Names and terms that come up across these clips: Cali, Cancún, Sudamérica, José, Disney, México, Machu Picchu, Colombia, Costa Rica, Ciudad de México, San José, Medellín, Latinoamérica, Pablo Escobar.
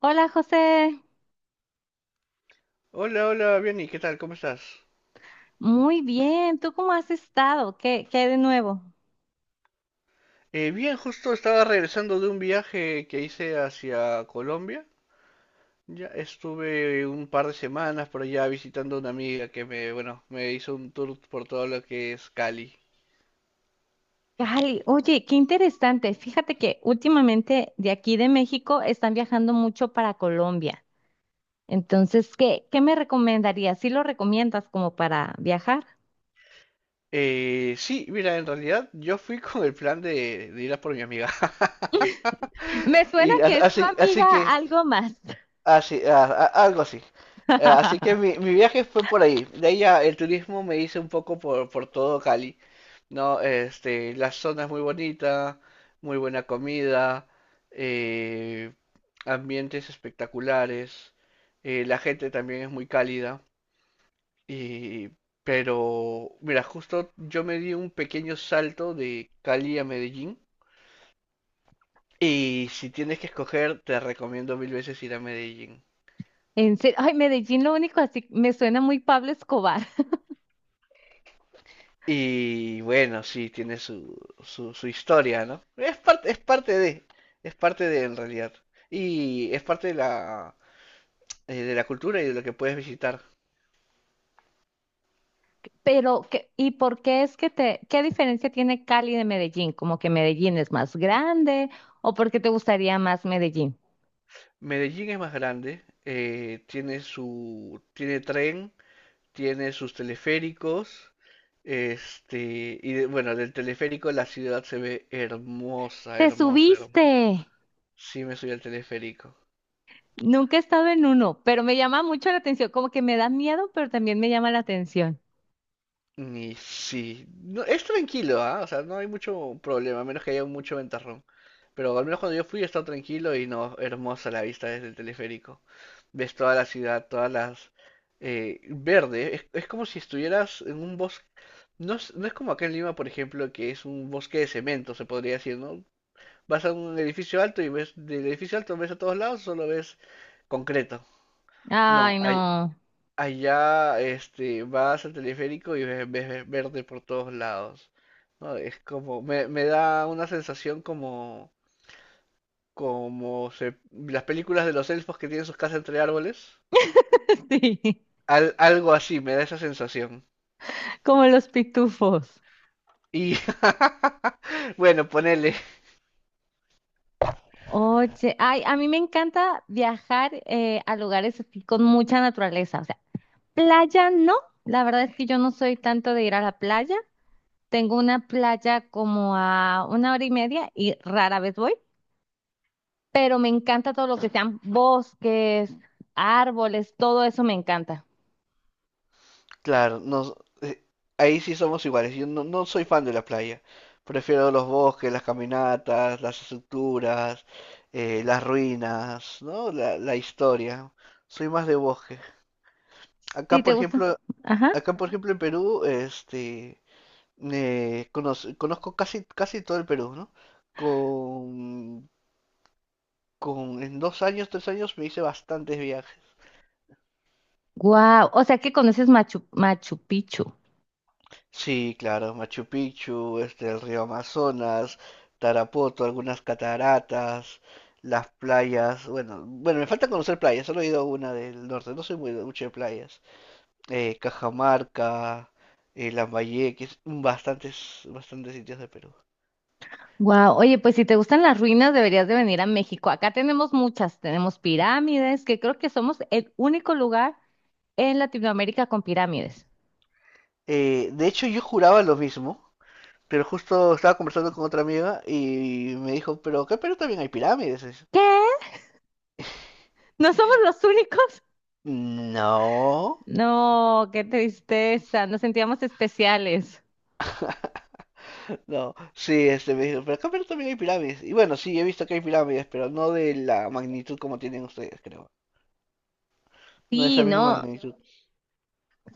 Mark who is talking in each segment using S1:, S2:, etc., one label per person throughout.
S1: Hola José,
S2: Hola, hola, bien, ¿y qué tal? ¿Cómo estás?
S1: muy bien, ¿tú cómo has estado? ¿Qué hay de nuevo?
S2: Bien, justo estaba regresando de un viaje que hice hacia Colombia. Ya estuve un par de semanas por allá visitando a una amiga que me, bueno, me hizo un tour por todo lo que es Cali.
S1: Cali, oye, qué interesante. Fíjate que últimamente de aquí de México están viajando mucho para Colombia. Entonces, ¿qué me recomendarías? ¿Sí lo recomiendas como para viajar?
S2: Sí, mira, en realidad yo fui con el plan de ir a por mi amiga.
S1: Me suena
S2: Y a-
S1: que es tu
S2: así, así
S1: amiga
S2: que,
S1: algo más.
S2: así, algo así. Así que mi, mi viaje fue por ahí. De ahí ya el turismo me hice un poco por todo Cali, ¿no? La zona es muy bonita, muy buena comida, eh, ambientes espectaculares, la gente también es muy cálida. Y, pero, mira, justo yo me di un pequeño salto de Cali a Medellín. Y si tienes que escoger, te recomiendo mil veces ir a Medellín.
S1: En serio, ay, Medellín lo único así me suena muy Pablo Escobar.
S2: Y bueno, sí, tiene su historia, ¿no? Es parte de en realidad. Y es parte de la cultura y de lo que puedes visitar.
S1: Pero, ¿qué- ¿y por qué es que te, qué diferencia tiene Cali de Medellín? ¿Como que Medellín es más grande o por qué te gustaría más Medellín?
S2: Medellín es más grande, tiene tren, tiene sus teleféricos, y bueno, del teleférico la ciudad se ve hermosa,
S1: ¡Te
S2: hermosa, hermosa.
S1: subiste!
S2: Sí me subí al teleférico.
S1: Nunca he estado en uno, pero me llama mucho la atención, como que me da miedo, pero también me llama la atención.
S2: Y sí, no, es tranquilo, ¿ah? O sea, no hay mucho problema, a menos que haya mucho ventarrón. Pero al menos cuando yo fui estaba tranquilo y no, hermosa la vista desde el teleférico. Ves toda la ciudad, todas las, verde, es como si estuvieras en un bosque. No es como acá en Lima, por ejemplo, que es un bosque de cemento, se podría decir, ¿no? Vas a un edificio alto y ves, del edificio alto ves a todos lados, solo ves concreto. No,
S1: Ay,
S2: hay,
S1: no.
S2: allá, vas al teleférico y ves, ves verde por todos lados, ¿no? Es como, me da una sensación como, como las películas de los elfos que tienen sus casas entre árboles.
S1: Sí,
S2: Algo así, me da esa sensación.
S1: como los pitufos.
S2: Y, bueno, ponele.
S1: Oye, ay, a mí me encanta viajar a lugares así con mucha naturaleza, o sea, playa no, la verdad es que yo no soy tanto de ir a la playa. Tengo una playa como a una hora y media y rara vez voy, pero me encanta todo lo que sean bosques, árboles, todo eso me encanta.
S2: Claro, no, eh, ahí sí somos iguales. Yo no soy fan de la playa. Prefiero los bosques, las caminatas, las estructuras, las ruinas, ¿no? La historia. Soy más de bosque.
S1: ¿Sí
S2: Acá,
S1: te
S2: por ejemplo,
S1: gusta? Ajá.
S2: acá, por ejemplo, en Perú, conozco casi, casi todo el Perú, ¿no? Con, con, en 2 años, 3 años me hice bastantes viajes.
S1: Wow, o sea que conoces Machu Picchu.
S2: Sí, claro, Machu Picchu, el río Amazonas, Tarapoto, algunas cataratas, las playas. Bueno, bueno, me falta conocer playas, solo he ido a una del norte, no soy muy mucho de playas. Cajamarca, Lambayeque, bastantes sitios de Perú.
S1: Wow, oye, pues si te gustan las ruinas deberías de venir a México. Acá tenemos muchas, tenemos pirámides, que creo que somos el único lugar en Latinoamérica con pirámides.
S2: De hecho, yo juraba lo mismo, pero justo estaba conversando con otra amiga y me dijo, pero acá en Perú también hay pirámides. Y.
S1: ¿Qué? ¿No somos los únicos?
S2: No.
S1: No, qué tristeza, nos sentíamos especiales.
S2: No, sí, me dijo, pero acá en Perú también hay pirámides. Y bueno, sí, he visto que hay pirámides, pero no de la magnitud como tienen ustedes, creo. No de
S1: Sí,
S2: esa misma
S1: no,
S2: magnitud.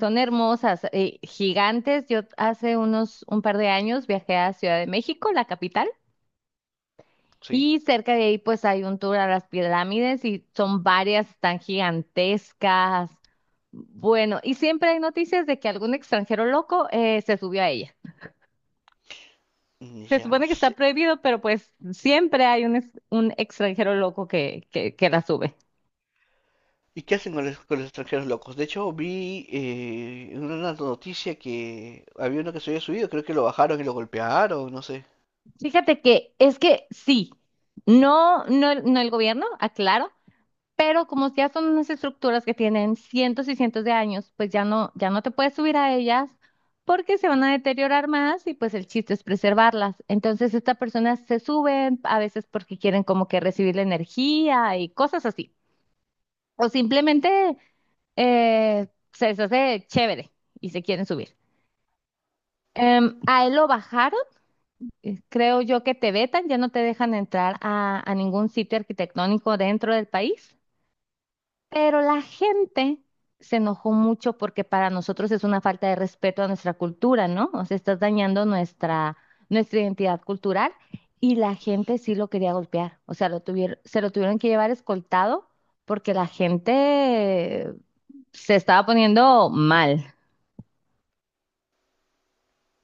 S1: son hermosas, gigantes. Yo hace unos un par de años viajé a Ciudad de México, la capital,
S2: Sí.
S1: y cerca de ahí pues hay un tour a las pirámides y son varias tan gigantescas. Bueno, y siempre hay noticias de que algún extranjero loco se subió a ella. Se
S2: Ya
S1: supone que está
S2: sé.
S1: prohibido, pero pues siempre hay un, un extranjero loco que, que la sube.
S2: ¿Y qué hacen con los, extranjeros locos? De hecho, vi en una noticia que había uno que se había subido, creo que lo bajaron y lo golpearon, no sé.
S1: Fíjate que es que sí, no el gobierno, aclaro. Pero como ya son unas estructuras que tienen cientos y cientos de años, pues ya no te puedes subir a ellas porque se van a deteriorar más y pues el chiste es preservarlas. Entonces estas personas se suben a veces porque quieren como que recibir la energía y cosas así. O simplemente se les hace chévere y se quieren subir. A él lo bajaron, creo yo que te vetan, ya no te dejan entrar a ningún sitio arquitectónico dentro del país. Pero la gente se enojó mucho porque para nosotros es una falta de respeto a nuestra cultura, ¿no? O sea, estás dañando nuestra identidad cultural y la gente sí lo quería golpear. O sea, lo tuvieron, se lo tuvieron que llevar escoltado porque la gente se estaba poniendo mal.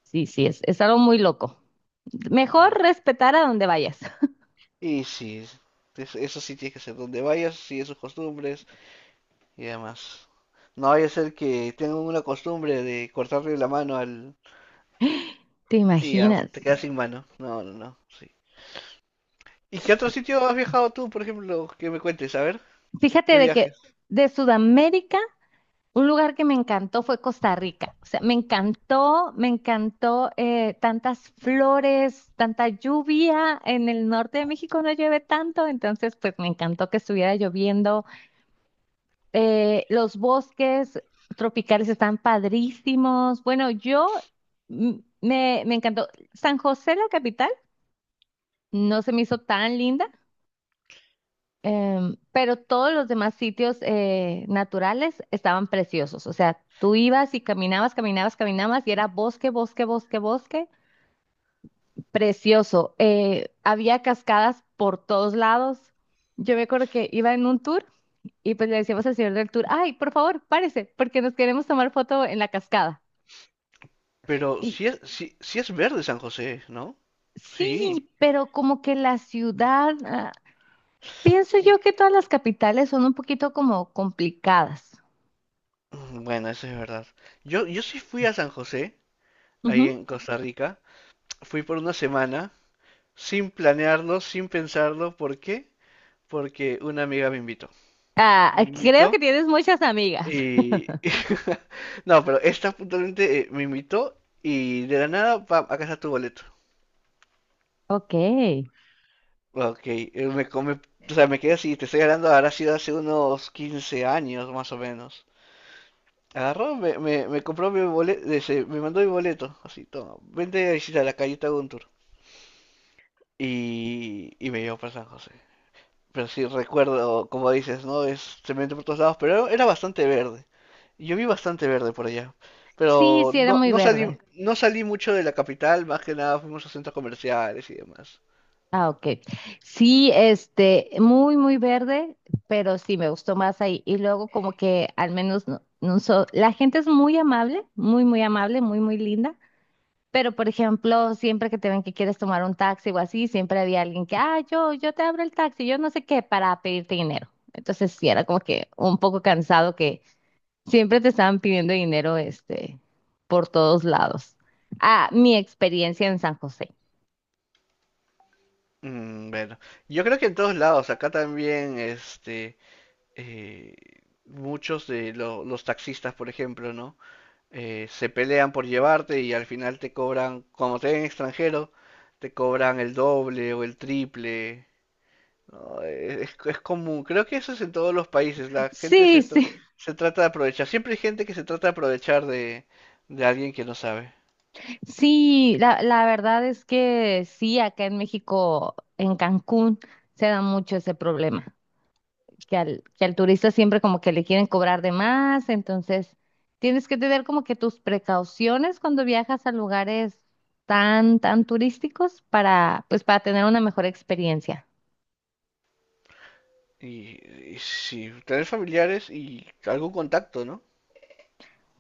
S1: Sí, sí, es algo muy loco.
S2: Ujú.
S1: Mejor respetar a donde vayas.
S2: Y sí, eso sí tiene que ser. Donde vayas, sigue sus costumbres y demás. No vaya a ser que tengan una costumbre de cortarle la mano al.
S1: ¿Te
S2: Y ya,
S1: imaginas?
S2: te quedas sin mano. No, no, no. Sí. ¿Y qué otro sitio has viajado tú, por ejemplo, que me cuentes? A ver, ¿qué
S1: Fíjate de
S2: viajes?
S1: que de Sudamérica. Un lugar que me encantó fue Costa Rica. O sea, me encantó tantas flores, tanta lluvia. En el norte de México no llueve tanto, entonces pues me encantó que estuviera lloviendo. Los bosques tropicales están padrísimos. Bueno, mm, me encantó. San José, la capital, no se me hizo tan linda. Pero todos los demás sitios naturales estaban preciosos. O sea, tú ibas y caminabas, caminabas, caminabas y era bosque, bosque, bosque, bosque. Precioso. Había cascadas por todos lados. Yo me acuerdo que iba en un tour y pues le decíamos al señor del tour, ay, por favor, párese, porque nos queremos tomar foto en la cascada.
S2: Pero
S1: Y
S2: si es, si es verde San José, ¿no? Sí.
S1: sí, pero como que la ciudad, ah, pienso yo que todas las capitales son un poquito como complicadas.
S2: Bueno, eso es verdad. Yo sí fui a San José, ahí en Costa Rica. Fui por una semana, sin planearlo, sin pensarlo. ¿Por qué? Porque una amiga me invitó.
S1: Ah,
S2: Me
S1: creo que
S2: invitó
S1: tienes muchas amigas.
S2: y. No, pero esta puntualmente me invitó y de la nada, pam, acá está tu boleto.
S1: Ok.
S2: Ok, o sea, me quedé así, te estoy hablando, ahora, ha sido hace unos 15 años más o menos. Agarró, me compró mi boleto, me mandó mi boleto, así, toma, vente a visitar la callita Guntur. Y me llevó para San José. Pero sí, recuerdo, como dices, ¿no? Es cemento por todos lados, pero era bastante verde. Yo vi bastante verde por allá.
S1: Sí,
S2: Pero
S1: sí, era
S2: no,
S1: muy
S2: no salí,
S1: verde.
S2: no salí mucho de la capital, más que nada fuimos a centros comerciales y demás.
S1: Ah, ok. Sí, este, muy, muy verde, pero sí, me gustó más ahí. Y luego como que al menos no, la gente es muy amable, muy, muy amable, muy, muy linda. Pero, por ejemplo, siempre que te ven que quieres tomar un taxi o así, siempre había alguien que, ah, yo te abro el taxi, yo no sé qué, para pedirte dinero. Entonces sí, era como que un poco cansado. Siempre te estaban pidiendo dinero, este, por todos lados. Ah, mi experiencia en San José.
S2: Bueno, yo creo que en todos lados, acá también, eh, muchos de los taxistas, por ejemplo, ¿no? Se pelean por llevarte y al final te cobran, como te ven extranjero, te cobran el doble o el triple, ¿no? Es común, creo que eso es en todos los países, la gente
S1: Sí,
S2: se, tra-
S1: sí,
S2: se trata de aprovechar, siempre hay gente que se trata de aprovechar de alguien que no sabe.
S1: sí, la verdad es que sí, acá en México, en Cancún, se da mucho ese problema, que al turista siempre como que le quieren cobrar de más, entonces tienes que tener como que tus precauciones cuando viajas a lugares tan, tan turísticos para, pues, para tener una mejor experiencia.
S2: Y, y si tenés familiares y algún contacto, ¿no?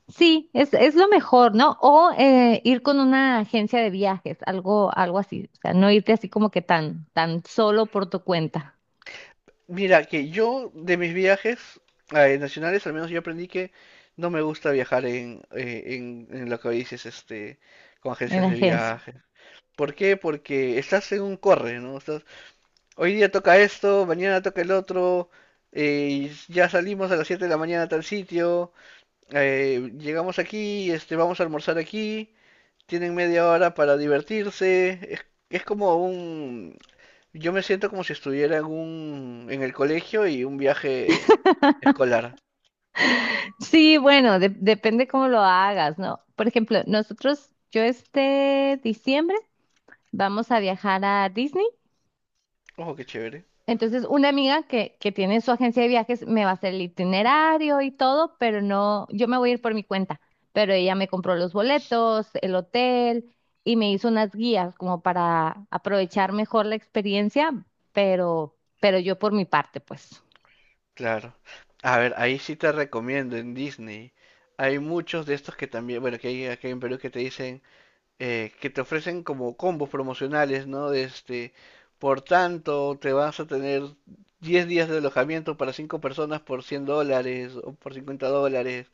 S1: Sí, es lo mejor, ¿no? O ir con una agencia de viajes, algo, algo así. O sea, no irte así como que tan, tan solo por tu cuenta
S2: Mira, que yo de mis viajes nacionales, al menos yo aprendí que no me gusta viajar en lo que dices, con
S1: en
S2: agencias de
S1: agencia.
S2: viaje. ¿Por qué? Porque estás en un corre, ¿no? Estás, hoy día toca esto, mañana toca el otro, y ya salimos a las 7 de la mañana a tal sitio, llegamos aquí, vamos a almorzar aquí, tienen media hora para divertirse. Es como un. Yo me siento como si estuviera en el colegio y un viaje escolar.
S1: Sí, bueno, depende cómo lo hagas, ¿no? Por ejemplo, nosotros, yo este diciembre vamos a viajar a Disney.
S2: Ojo, qué chévere.
S1: Entonces, una amiga que tiene su agencia de viajes me va a hacer el itinerario y todo, pero no, yo me voy a ir por mi cuenta. Pero ella me compró los boletos, el hotel y me hizo unas guías como para aprovechar mejor la experiencia, pero yo por mi parte, pues.
S2: Claro. A ver, ahí sí te recomiendo en Disney. Hay muchos de estos que también, bueno, que hay aquí en Perú que te dicen, que te ofrecen como combos promocionales, ¿no? De este, por tanto, te vas a tener 10 días de alojamiento para 5 personas por $100 o por $50.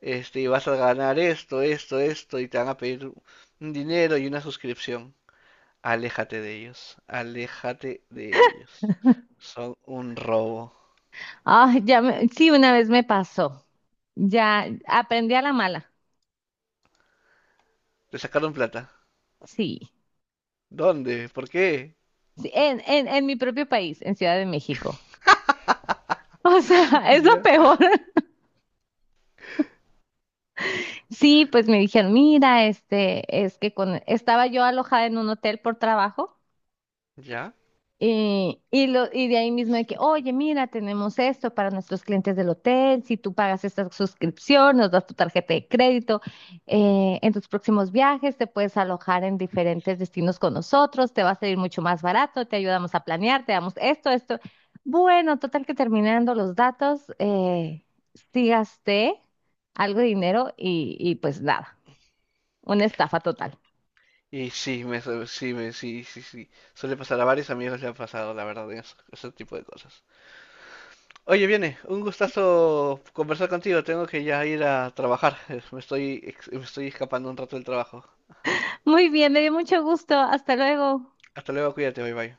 S2: Y vas a ganar esto, esto, esto, y te van a pedir un dinero y una suscripción. Aléjate de ellos, aléjate de ellos. Son un robo.
S1: Ah, sí, una vez me pasó. Ya aprendí a la mala.
S2: Te sacaron plata.
S1: Sí.
S2: ¿Dónde? ¿Por qué?
S1: Sí, en mi propio país, en Ciudad de México. O sea, es
S2: Ya.
S1: lo peor. Sí, pues me dijeron, mira, este, estaba yo alojada en un hotel por trabajo
S2: ¿Ya?
S1: y de ahí mismo de que, oye, mira, tenemos esto para nuestros clientes del hotel, si tú pagas esta suscripción, nos das tu tarjeta de crédito, en tus próximos viajes te puedes alojar en diferentes destinos con nosotros, te va a salir mucho más barato, te ayudamos a planear, te damos esto, esto. Bueno, total que terminando los datos, sí gasté algo de dinero y pues nada. Una estafa total.
S2: Y sí, me, su- sí, me, sí, sí, sí. Suele pasar a varios amigos le han pasado, la verdad, en ese tipo de cosas. Oye, viene, un gustazo conversar contigo. Tengo que ya ir a trabajar. Me estoy escapando un rato del trabajo.
S1: Muy bien, me dio mucho gusto. Hasta luego.
S2: Hasta luego, cuídate, bye bye.